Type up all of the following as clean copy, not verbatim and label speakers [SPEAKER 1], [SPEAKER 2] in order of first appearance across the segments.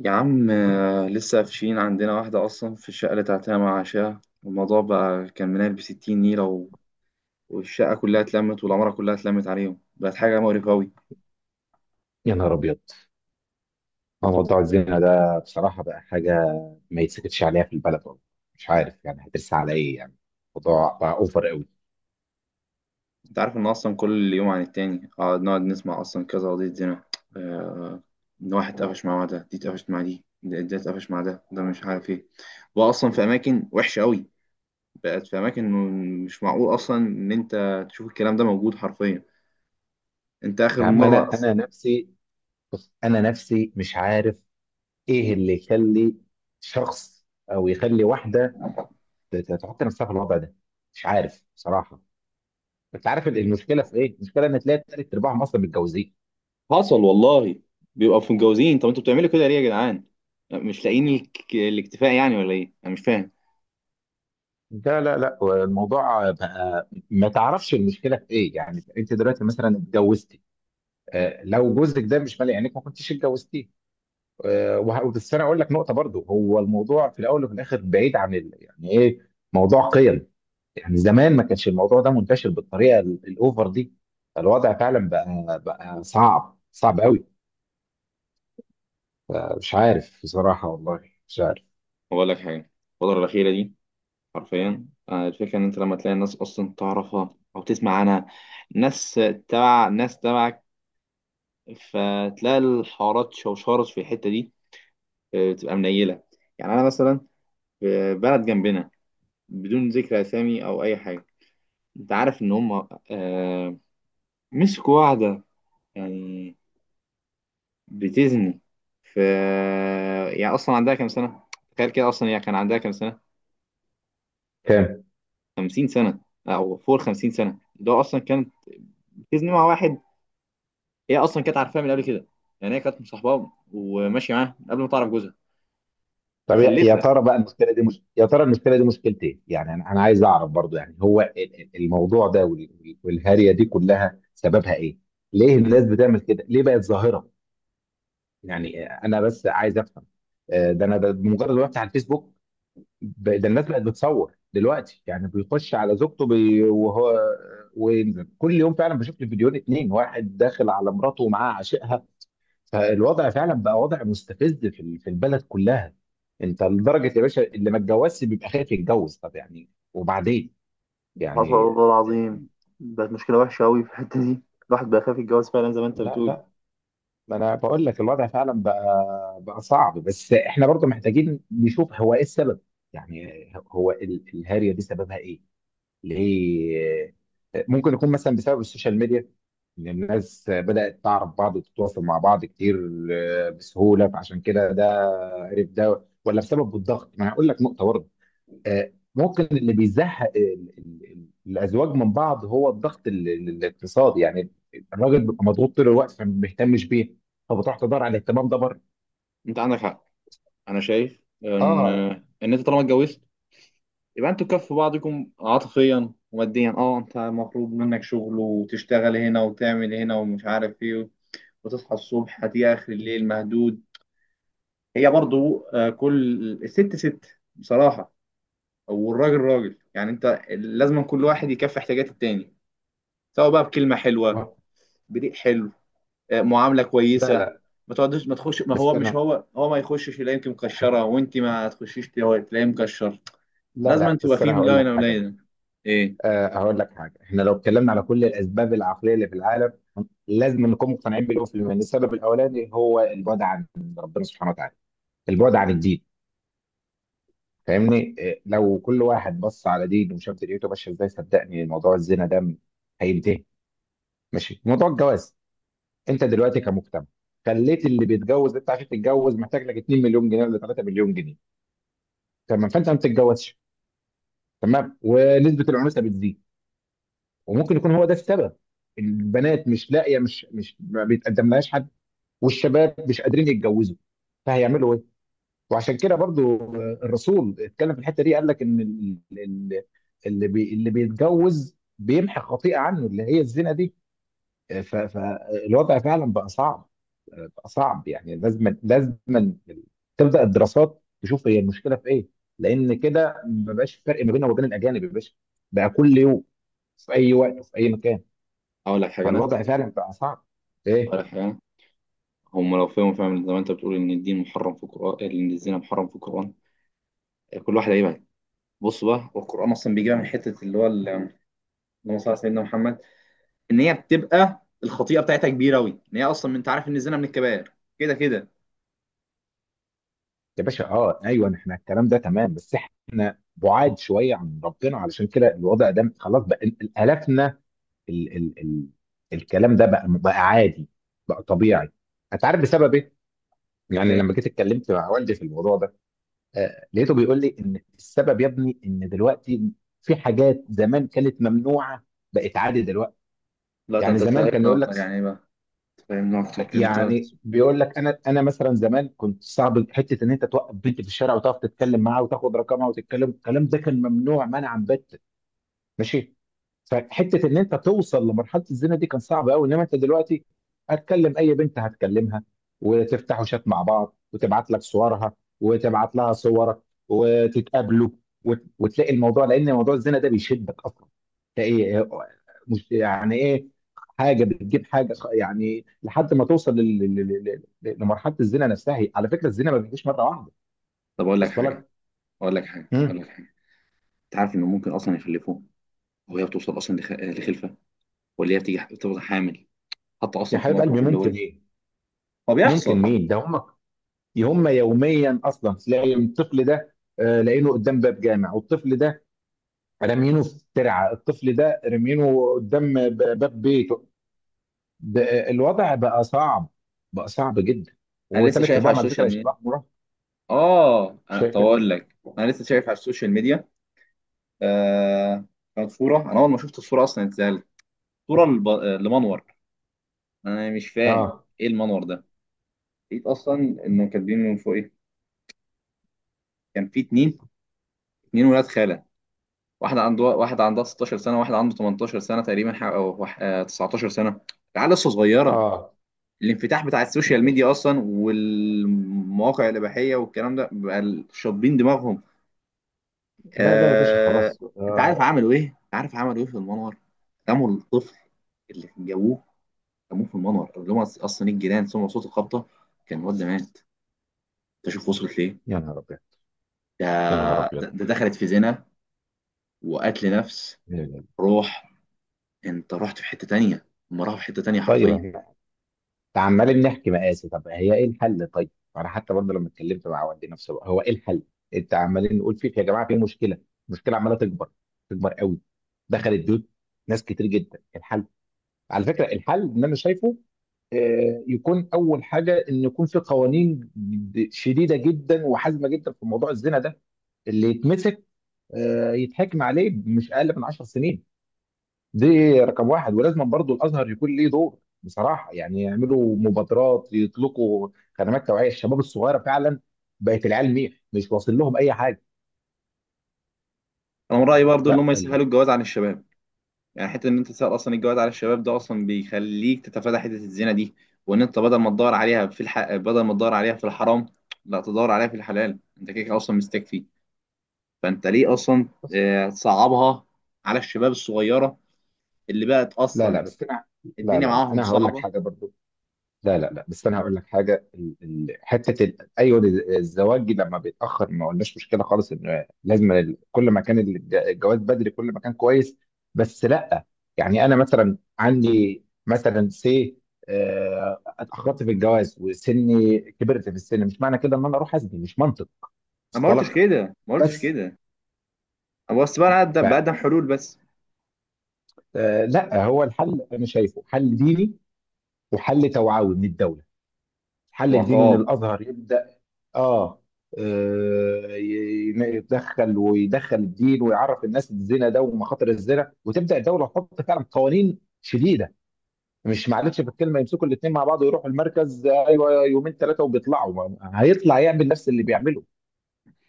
[SPEAKER 1] يا عم، لسه قافشين عندنا واحدة أصلا في الشقة اللي تعتها مع عشاها. الموضوع بقى كان منال بستين نيلة والشقة كلها اتلمت والعمارة كلها اتلمت عليهم، بقت حاجة مقرفة أوي.
[SPEAKER 2] يا نهار ابيض. موضوع الزنا ده بصراحه بقى حاجه ما يتسكتش عليها في البلد والله. مش عارف يعني هترسى على ايه يعني. الموضوع بقى اوفر قوي.
[SPEAKER 1] أنت عارف إن أصلا كل يوم عن التاني نقعد نسمع أصلا كذا قضية زنا، آه، إن واحد اتقفش مع ده، دي اتقفشت مع دي، ده اتقفش مع ده ده مش عارف إيه. بقى أصلا في أماكن وحشة أوي، بقت في أماكن. مش معقول أصلا إن أنت تشوف الكلام ده موجود حرفيا. أنت
[SPEAKER 2] يا
[SPEAKER 1] آخر
[SPEAKER 2] عم،
[SPEAKER 1] مرة.
[SPEAKER 2] انا نفسي. بص، انا نفسي مش عارف ايه اللي يخلي شخص او يخلي واحده تحط نفسها في الوضع ده. مش عارف بصراحه. انت عارف المشكله في ايه؟ المشكله ان تلاقي تلات ارباعهم اصلا متجوزين.
[SPEAKER 1] حصل والله. بيبقوا في متجوزين، طب انتوا بتعملوا كده ليه يا جدعان؟ مش لاقيين الاكتفاء يعني، ولا ايه؟ انا مش فاهم.
[SPEAKER 2] لا لا لا، الموضوع بقى ما تعرفش المشكله في ايه. يعني انت دلوقتي مثلا اتجوزت، آه، لو جوزك ده مش مالي عينك ما كنتيش اتجوزتيه. آه، وبس انا اقول لك نقطه برضو، هو الموضوع في الاول وفي الاخر بعيد عن يعني ايه، موضوع قيم. يعني زمان ما كانش الموضوع ده منتشر بالطريقه الاوفر دي. الوضع فعلا بقى صعب صعب قوي. آه، مش عارف بصراحه والله. مش عارف.
[SPEAKER 1] بقول لك حاجه، الفتره الاخيره دي حرفيا، الفكره ان انت لما تلاقي الناس اصلا تعرفها او تسمع عنها، ناس تبع ناس تبعك، فتلاقي الحوارات شوشرت في الحته دي، بتبقى منيله. يعني انا مثلا، في بلد جنبنا، بدون ذكر اسامي او اي حاجه، انت عارف ان هم مسكوا واحده، يعني بتزني في، يعني اصلا عندها كام سنه؟ تخيل كده، اصلا هي كان عندها كام سنه؟
[SPEAKER 2] كام؟
[SPEAKER 1] 50 سنه، او فوق 50 سنه، اللي هو اصلا كانت بتزني مع واحد. هي اصلا كانت عارفاه من قبل كده، يعني هي كانت مصاحباه وماشيه معاه من قبل ما تعرف جوزها،
[SPEAKER 2] طب يا
[SPEAKER 1] ومخلفه.
[SPEAKER 2] ترى بقى المشكله دي مش... يا ترى المشكله دي مشكلتين ايه. يعني أنا عايز اعرف برضو. يعني هو الموضوع ده والهارية دي كلها سببها ايه؟ ليه الناس بتعمل كده؟ ليه بقت ظاهره؟ يعني انا بس عايز افهم. آه، ده انا بمجرد ما بفتح الفيسبوك. ده الناس بقت بتصور دلوقتي. يعني بيخش على زوجته بي وهو وينزل كل يوم. فعلا بشوف لي فيديوهين اتنين، واحد داخل على مراته ومعاه عاشقها. فالوضع فعلا بقى وضع مستفز، في البلد كلها. انت لدرجه يا باشا اللي ما اتجوزش بيبقى خايف يتجوز. طب يعني وبعدين
[SPEAKER 1] حصل
[SPEAKER 2] يعني.
[SPEAKER 1] والله
[SPEAKER 2] آه،
[SPEAKER 1] العظيم، بقت مشكلة وحشة أوي في الحتة دي. الواحد بقى خايف يتجوز فعلا زي ما أنت
[SPEAKER 2] لا
[SPEAKER 1] بتقول.
[SPEAKER 2] لا، ما انا بقول لك الوضع فعلا بقى صعب. بس احنا برضه محتاجين نشوف هو ايه السبب. يعني هو الهارية دي سببها ايه؟ ليه؟ ممكن يكون مثلا بسبب السوشيال ميديا، ان الناس بدأت تعرف بعض وتتواصل مع بعض كتير بسهولة. فعشان كده ده عرف ده، ولا بسبب الضغط؟ ما أنا هقول لك نقطة برضه. ممكن اللي بيزهق ال- الازواج من بعض هو الضغط الاقتصادي. يعني الراجل بيبقى مضغوط طول الوقت فما بيهتمش بيه، فبتروح تدور على الاهتمام ده بره.
[SPEAKER 1] انت عندك حق، انا شايف ان
[SPEAKER 2] اه.
[SPEAKER 1] ان انت طالما اتجوزت، يبقى انتوا كف بعضكم عاطفيا وماديا. اه انت مطلوب منك شغل، وتشتغل هنا وتعمل هنا ومش عارف ايه، وتصحى الصبح هتيجي اخر الليل مهدود. هي برضو، كل الست ست بصراحة، والراجل راجل، يعني انت لازم كل واحد يكفي احتياجات التاني، سواء بقى بكلمة حلوة،
[SPEAKER 2] و-
[SPEAKER 1] بريق حلو، معاملة
[SPEAKER 2] لا
[SPEAKER 1] كويسة.
[SPEAKER 2] لا،
[SPEAKER 1] ما تقعدش، ما تخش، ما
[SPEAKER 2] بس
[SPEAKER 1] هو مش
[SPEAKER 2] انا،
[SPEAKER 1] هو هو ما يخشش يلاقيك مكشرة، وانت ما تخشيش تلاقيه مكشر.
[SPEAKER 2] لا
[SPEAKER 1] لازم
[SPEAKER 2] لا،
[SPEAKER 1] تبقى
[SPEAKER 2] بس
[SPEAKER 1] فيه
[SPEAKER 2] انا هقول لك
[SPEAKER 1] لاينة
[SPEAKER 2] حاجه برضه.
[SPEAKER 1] ولاينة، ايه؟
[SPEAKER 2] آه، هقول لك حاجه. احنا لو اتكلمنا على كل الاسباب العقليه اللي في العالم، لازم نكون مقتنعين بالاول في المعنى. السبب الاولاني هو البعد عن ربنا سبحانه وتعالى، البعد عن الدين. فاهمني إيه، لو كل واحد بص على دينه وشاف دنيته ماشيه ازاي، صدقني موضوع الزنا ده هينتهي. ماشي. موضوع الجواز، انت دلوقتي كمجتمع خليت اللي بيتجوز، انت عشان تتجوز محتاج لك 2 مليون جنيه ولا 3 مليون جنيه. تمام، فانت ما بتتجوزش. تمام، ونسبه العنوسه بتزيد، وممكن يكون هو ده السبب. البنات مش لاقيه، مش ما بيتقدم لهاش حد، والشباب مش قادرين يتجوزوا، فهيعملوا ايه؟ وعشان كده برضو الرسول اتكلم في الحته دي، قال لك ان اللي بيتجوز بيمحي خطيئه عنه، اللي هي الزنا دي. فالوضع فعلا بقى صعب، بقى صعب. يعني لازم لازم تبدا الدراسات تشوف هي المشكله في ايه. لان كده ما بقاش فرق ما بيننا وبين الاجانب يا باشا. بقى كل يوم، في اي وقت وفي اي مكان.
[SPEAKER 1] اقول لك حاجة انا.
[SPEAKER 2] فالوضع فعلا بقى صعب. ايه؟
[SPEAKER 1] أحيانا هم لو فهموا فعلا زي ما أنت بتقول إن الدين محرم في القرآن، إن الزنا محرم في القرآن، كل واحد هيبعد. بص بقى، والقرآن أصلا بيجيبها من حتة اللي هو اللهم صل على سيدنا محمد، إن هي بتبقى الخطيئة بتاعتها كبيرة أوي، إن هي أصلا، أنت عارف إن الزنا من الكبائر، كده كده.
[SPEAKER 2] يا باشا اه ايوه، احنا الكلام ده تمام، بس احنا بعاد شويه عن ربنا. علشان كده الوضع ده خلاص بقى الافنا، ال ال ال الكلام ده بقى عادي، بقى طبيعي. انت عارف بسبب ايه؟ يعني لما
[SPEAKER 1] إيه؟
[SPEAKER 2] جيت اتكلمت مع والدي في الموضوع ده، آه لقيته بيقول لي ان السبب يا ابني ان دلوقتي في حاجات زمان كانت ممنوعه بقت عادي دلوقتي.
[SPEAKER 1] لا ده
[SPEAKER 2] يعني
[SPEAKER 1] أنت
[SPEAKER 2] زمان كان
[SPEAKER 1] تفهمنا
[SPEAKER 2] يقول لك
[SPEAKER 1] أكتر، يعني إيه بقى؟ تفهمنا أكتر إيه ده؟
[SPEAKER 2] يعني بيقول لك، انا مثلا زمان كنت صعب حته ان انت توقف بنت في الشارع وتقف تتكلم معاها وتاخد رقمها، وتتكلم الكلام ده كان ممنوع منعا باتا. ماشي. فحته ان انت توصل لمرحله الزنا دي كان صعب قوي. انما انت دلوقتي، هتكلم اي بنت هتكلمها، وتفتحوا شات مع بعض، وتبعت لك صورها وتبعت لها صورك، وتتقابلوا، وتلاقي الموضوع، لان موضوع الزنا ده بيشدك اصلا. تلاقي مش يعني ايه، حاجه بتجيب حاجه يعني لحد ما توصل لمرحله الزنا نفسها. على فكره الزنا ما بيجيش مره واحده.
[SPEAKER 1] طب
[SPEAKER 2] وصل لك.
[SPEAKER 1] أقول
[SPEAKER 2] مم.
[SPEAKER 1] لك حاجة، أنت عارف إنه ممكن أصلا يخلفوه، وهي بتوصل أصلا لخلفة، ولا هي بتيجي بتبقى حامل، حتى
[SPEAKER 2] يا
[SPEAKER 1] أصلا في
[SPEAKER 2] حبيب قلبي
[SPEAKER 1] موقف اللي هو
[SPEAKER 2] ممكن
[SPEAKER 1] إيه،
[SPEAKER 2] ايه؟
[SPEAKER 1] هو
[SPEAKER 2] ممكن
[SPEAKER 1] بيحصل.
[SPEAKER 2] مين ده؟ هم، هم يوميا اصلا تلاقي الطفل ده لاقينه قدام باب جامع، والطفل ده رامينه في ترعه، الطفل ده رامينه قدام باب بيته. ب- الوضع بقى صعب، بقى صعب جدا.
[SPEAKER 1] أنا لسه
[SPEAKER 2] وثلاث
[SPEAKER 1] شايف على
[SPEAKER 2] ارباعهم على فكره
[SPEAKER 1] السوشيال ميديا،
[SPEAKER 2] شباب مراهقه.
[SPEAKER 1] اه انا طب
[SPEAKER 2] شايف؟
[SPEAKER 1] اقول لك، انا لسه شايف على السوشيال ميديا. آه كانت صوره، انا اول ما شفت الصوره اصلا اتسالت، صوره لمنور. انا مش فاهم
[SPEAKER 2] اه،
[SPEAKER 1] ايه المنور ده. لقيت اصلا انه كاتبين من فوق ايه، كان في اتنين ولاد خاله، واحده عندها 16 سنه، واحد عنده 18 سنه تقريبا، او 19 سنه. العيال لسه صغيره،
[SPEAKER 2] اه،
[SPEAKER 1] الانفتاح بتاع
[SPEAKER 2] يا
[SPEAKER 1] السوشيال
[SPEAKER 2] باشا،
[SPEAKER 1] ميديا اصلا والمواقع الاباحيه والكلام ده بقى شاطبين دماغهم.
[SPEAKER 2] لا لا، يا باشا
[SPEAKER 1] آه،
[SPEAKER 2] خلاص، آه.
[SPEAKER 1] انت عارف عملوا ايه في المنور؟ قاموا الطفل اللي جابوه رموه في المنور، اللي هم اصلا الجيران سمعوا صوت الخبطه، كان الواد ده مات. انت شوف وصلت ليه؟
[SPEAKER 2] يا نهار ابيض،
[SPEAKER 1] ده,
[SPEAKER 2] يا نهار ابيض.
[SPEAKER 1] ده دخلت في زنا وقتل نفس. روح، انت رحت في حته تانيه، هم راحوا في حته تانيه
[SPEAKER 2] طيب،
[SPEAKER 1] حرفيا.
[SPEAKER 2] عمالين نحكي مقاسي، طب هي ايه الحل؟ طيب انا حتى برضه لما اتكلمت مع والدي نفسه بقى، هو ايه الحل؟ انت عمالين نقول فيك يا جماعه في مشكله، المشكله عماله تكبر، تكبر قوي، دخلت بيوت ناس كتير جدا. الحل، على فكره الحل اللي انا شايفه، يكون اول حاجه ان يكون في قوانين شديده جدا وحازمه جدا في موضوع الزنا ده. اللي يتمسك يتحكم عليه مش اقل من 10 سنين. دي رقم واحد. ولازم برضو الازهر يكون ليه دور بصراحه، يعني يعملوا مبادرات، يطلقوا خدمات توعيه الشباب الصغيره. فعلا بقت العيال ميح، مش واصل لهم اي حاجه.
[SPEAKER 1] انا من رايي برضو ان
[SPEAKER 2] لا
[SPEAKER 1] هم يسهلوا الجواز عن الشباب، يعني حته ان انت تسال اصلا الجواز على الشباب ده اصلا بيخليك تتفادى حته الزنا دي، وان انت بدل ما تدور عليها في الحرام، لا تدور عليها في الحلال، انت كده كده اصلا مستكفي. فانت ليه اصلا تصعبها على الشباب الصغيره، اللي بقت
[SPEAKER 2] لا لا،
[SPEAKER 1] اصلا
[SPEAKER 2] بس انا، لا
[SPEAKER 1] الدنيا
[SPEAKER 2] لا لا،
[SPEAKER 1] معاهم
[SPEAKER 2] انا هقول لك
[SPEAKER 1] صعبه.
[SPEAKER 2] حاجه برضو. لا لا لا، بس انا هقول لك حاجه. حته ايوه الزواج لما بيتاخر ما قلناش مشكله خالص، ان لازم كل ما كان الجواز بدري كل ما كان كويس. بس لا، يعني انا مثلا عندي مثلا سي، اتاخرت في الجواز وسني كبرت في السن، مش معنى كده ان انا اروح ازني. مش منطق.
[SPEAKER 1] انا ما قلتش
[SPEAKER 2] مصطلح.
[SPEAKER 1] كده، ما قلتش
[SPEAKER 2] بس
[SPEAKER 1] كده، انا بس بقى بقدم حلول بس،
[SPEAKER 2] فلا، هو الحل انا شايفه حل ديني وحل توعوي من الدوله. الحل الديني ان
[SPEAKER 1] وعقاب.
[SPEAKER 2] الازهر يبدا. اه. آه، يدخل ويدخل الدين، ويعرف الناس الزنا ده ومخاطر الزنا. وتبدا الدوله تحط فعلا قوانين شديده، مش معلش في الكلمه يمسكوا الاثنين مع بعض ويروحوا المركز ايوه يومين ثلاثه وبيطلعوا هيطلع يعمل نفس اللي بيعمله.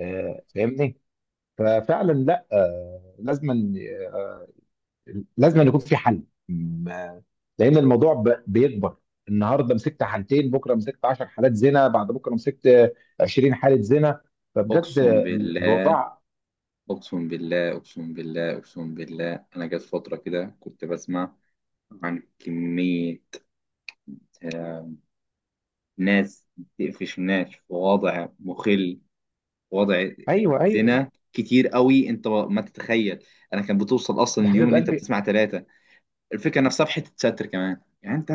[SPEAKER 2] آه، فاهمني؟ ففعلا لا، لازما، لازم أن يكون في حل، لان الموضوع بيكبر. النهارده مسكت حالتين، بكره مسكت 10 حالات زنا، بعد بكره مسكت 20 حاله زنا. فبجد
[SPEAKER 1] اقسم بالله،
[SPEAKER 2] الوضع.
[SPEAKER 1] اقسم بالله، اقسم بالله، اقسم بالله، انا جت فتره كده كنت بسمع عن كميه ناس بتقفش ناس في وضع مخل، في وضع
[SPEAKER 2] ايوه ايوه
[SPEAKER 1] زنا كتير قوي، انت ما تتخيل. انا كان بتوصل اصلا
[SPEAKER 2] يا
[SPEAKER 1] اليوم
[SPEAKER 2] حبيب
[SPEAKER 1] اللي انت
[SPEAKER 2] قلبي.
[SPEAKER 1] بتسمع ثلاثة. الفكرة نفسها في حتة ستر كمان، يعني انت،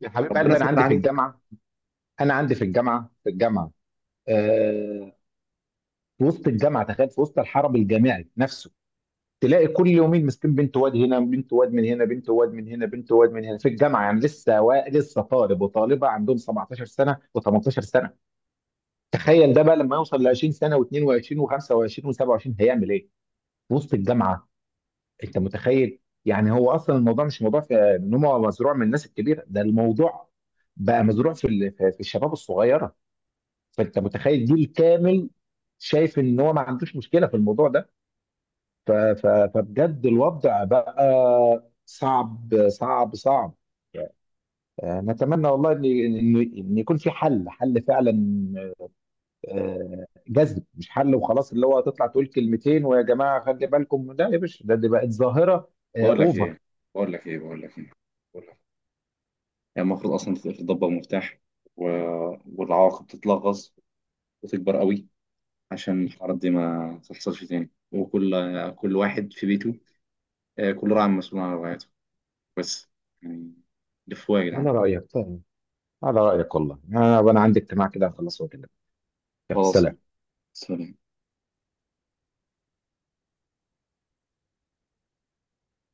[SPEAKER 2] يا حبيب
[SPEAKER 1] ربنا
[SPEAKER 2] قلبي انا
[SPEAKER 1] ستر
[SPEAKER 2] عندي في
[SPEAKER 1] عليك.
[SPEAKER 2] الجامعه انا عندي في الجامعه في الجامعه. آه في وسط الجامعه، تخيل، في وسط الحرم الجامعي نفسه تلاقي كل يومين مسكين بنت واد هنا، بنت واد من هنا، بنت واد من هنا، بنت واد من هنا في الجامعه. يعني لسه لسه طالب وطالبه عندهم 17 سنه و18 سنه. تخيل ده بقى لما يوصل ل 20 سنه و22 و25 و27 هيعمل ايه؟ في وسط الجامعه، انت متخيل؟ يعني هو اصلا الموضوع مش موضوع في ان هو مزروع من الناس الكبيره، ده الموضوع بقى مزروع في ال- في في الشباب الصغيره. فانت متخيل جيل كامل شايف ان هو ما عندوش مشكله في الموضوع ده. ف- ف- فبجد الوضع بقى صعب صعب صعب. نتمنى والله ان إن يكون في حل، حل فعلا. جذب مش حل وخلاص، اللي هو هتطلع تقول كلمتين ويا جماعه خلي بالكم. لا يا باشا، دي بقت ظاهره
[SPEAKER 1] بقول لك
[SPEAKER 2] اوفر.
[SPEAKER 1] ايه بقول لك ايه بقول لك ايه بقول لك إيه. يعني المفروض اصلا تتضبط مفتاح، و... والعواقب تتلغص وتكبر قوي، عشان الحوارات دي ما تحصلش تاني، وكل واحد في بيته، كل راعي مسؤول عن رعايته، بس. يعني لفوا يا جدعان.
[SPEAKER 2] على رايك فاهم. على رايك والله، انا عندي اجتماع كده هخلصه وأكلمك. يلا
[SPEAKER 1] خلاص،
[SPEAKER 2] سلام.
[SPEAKER 1] سلام.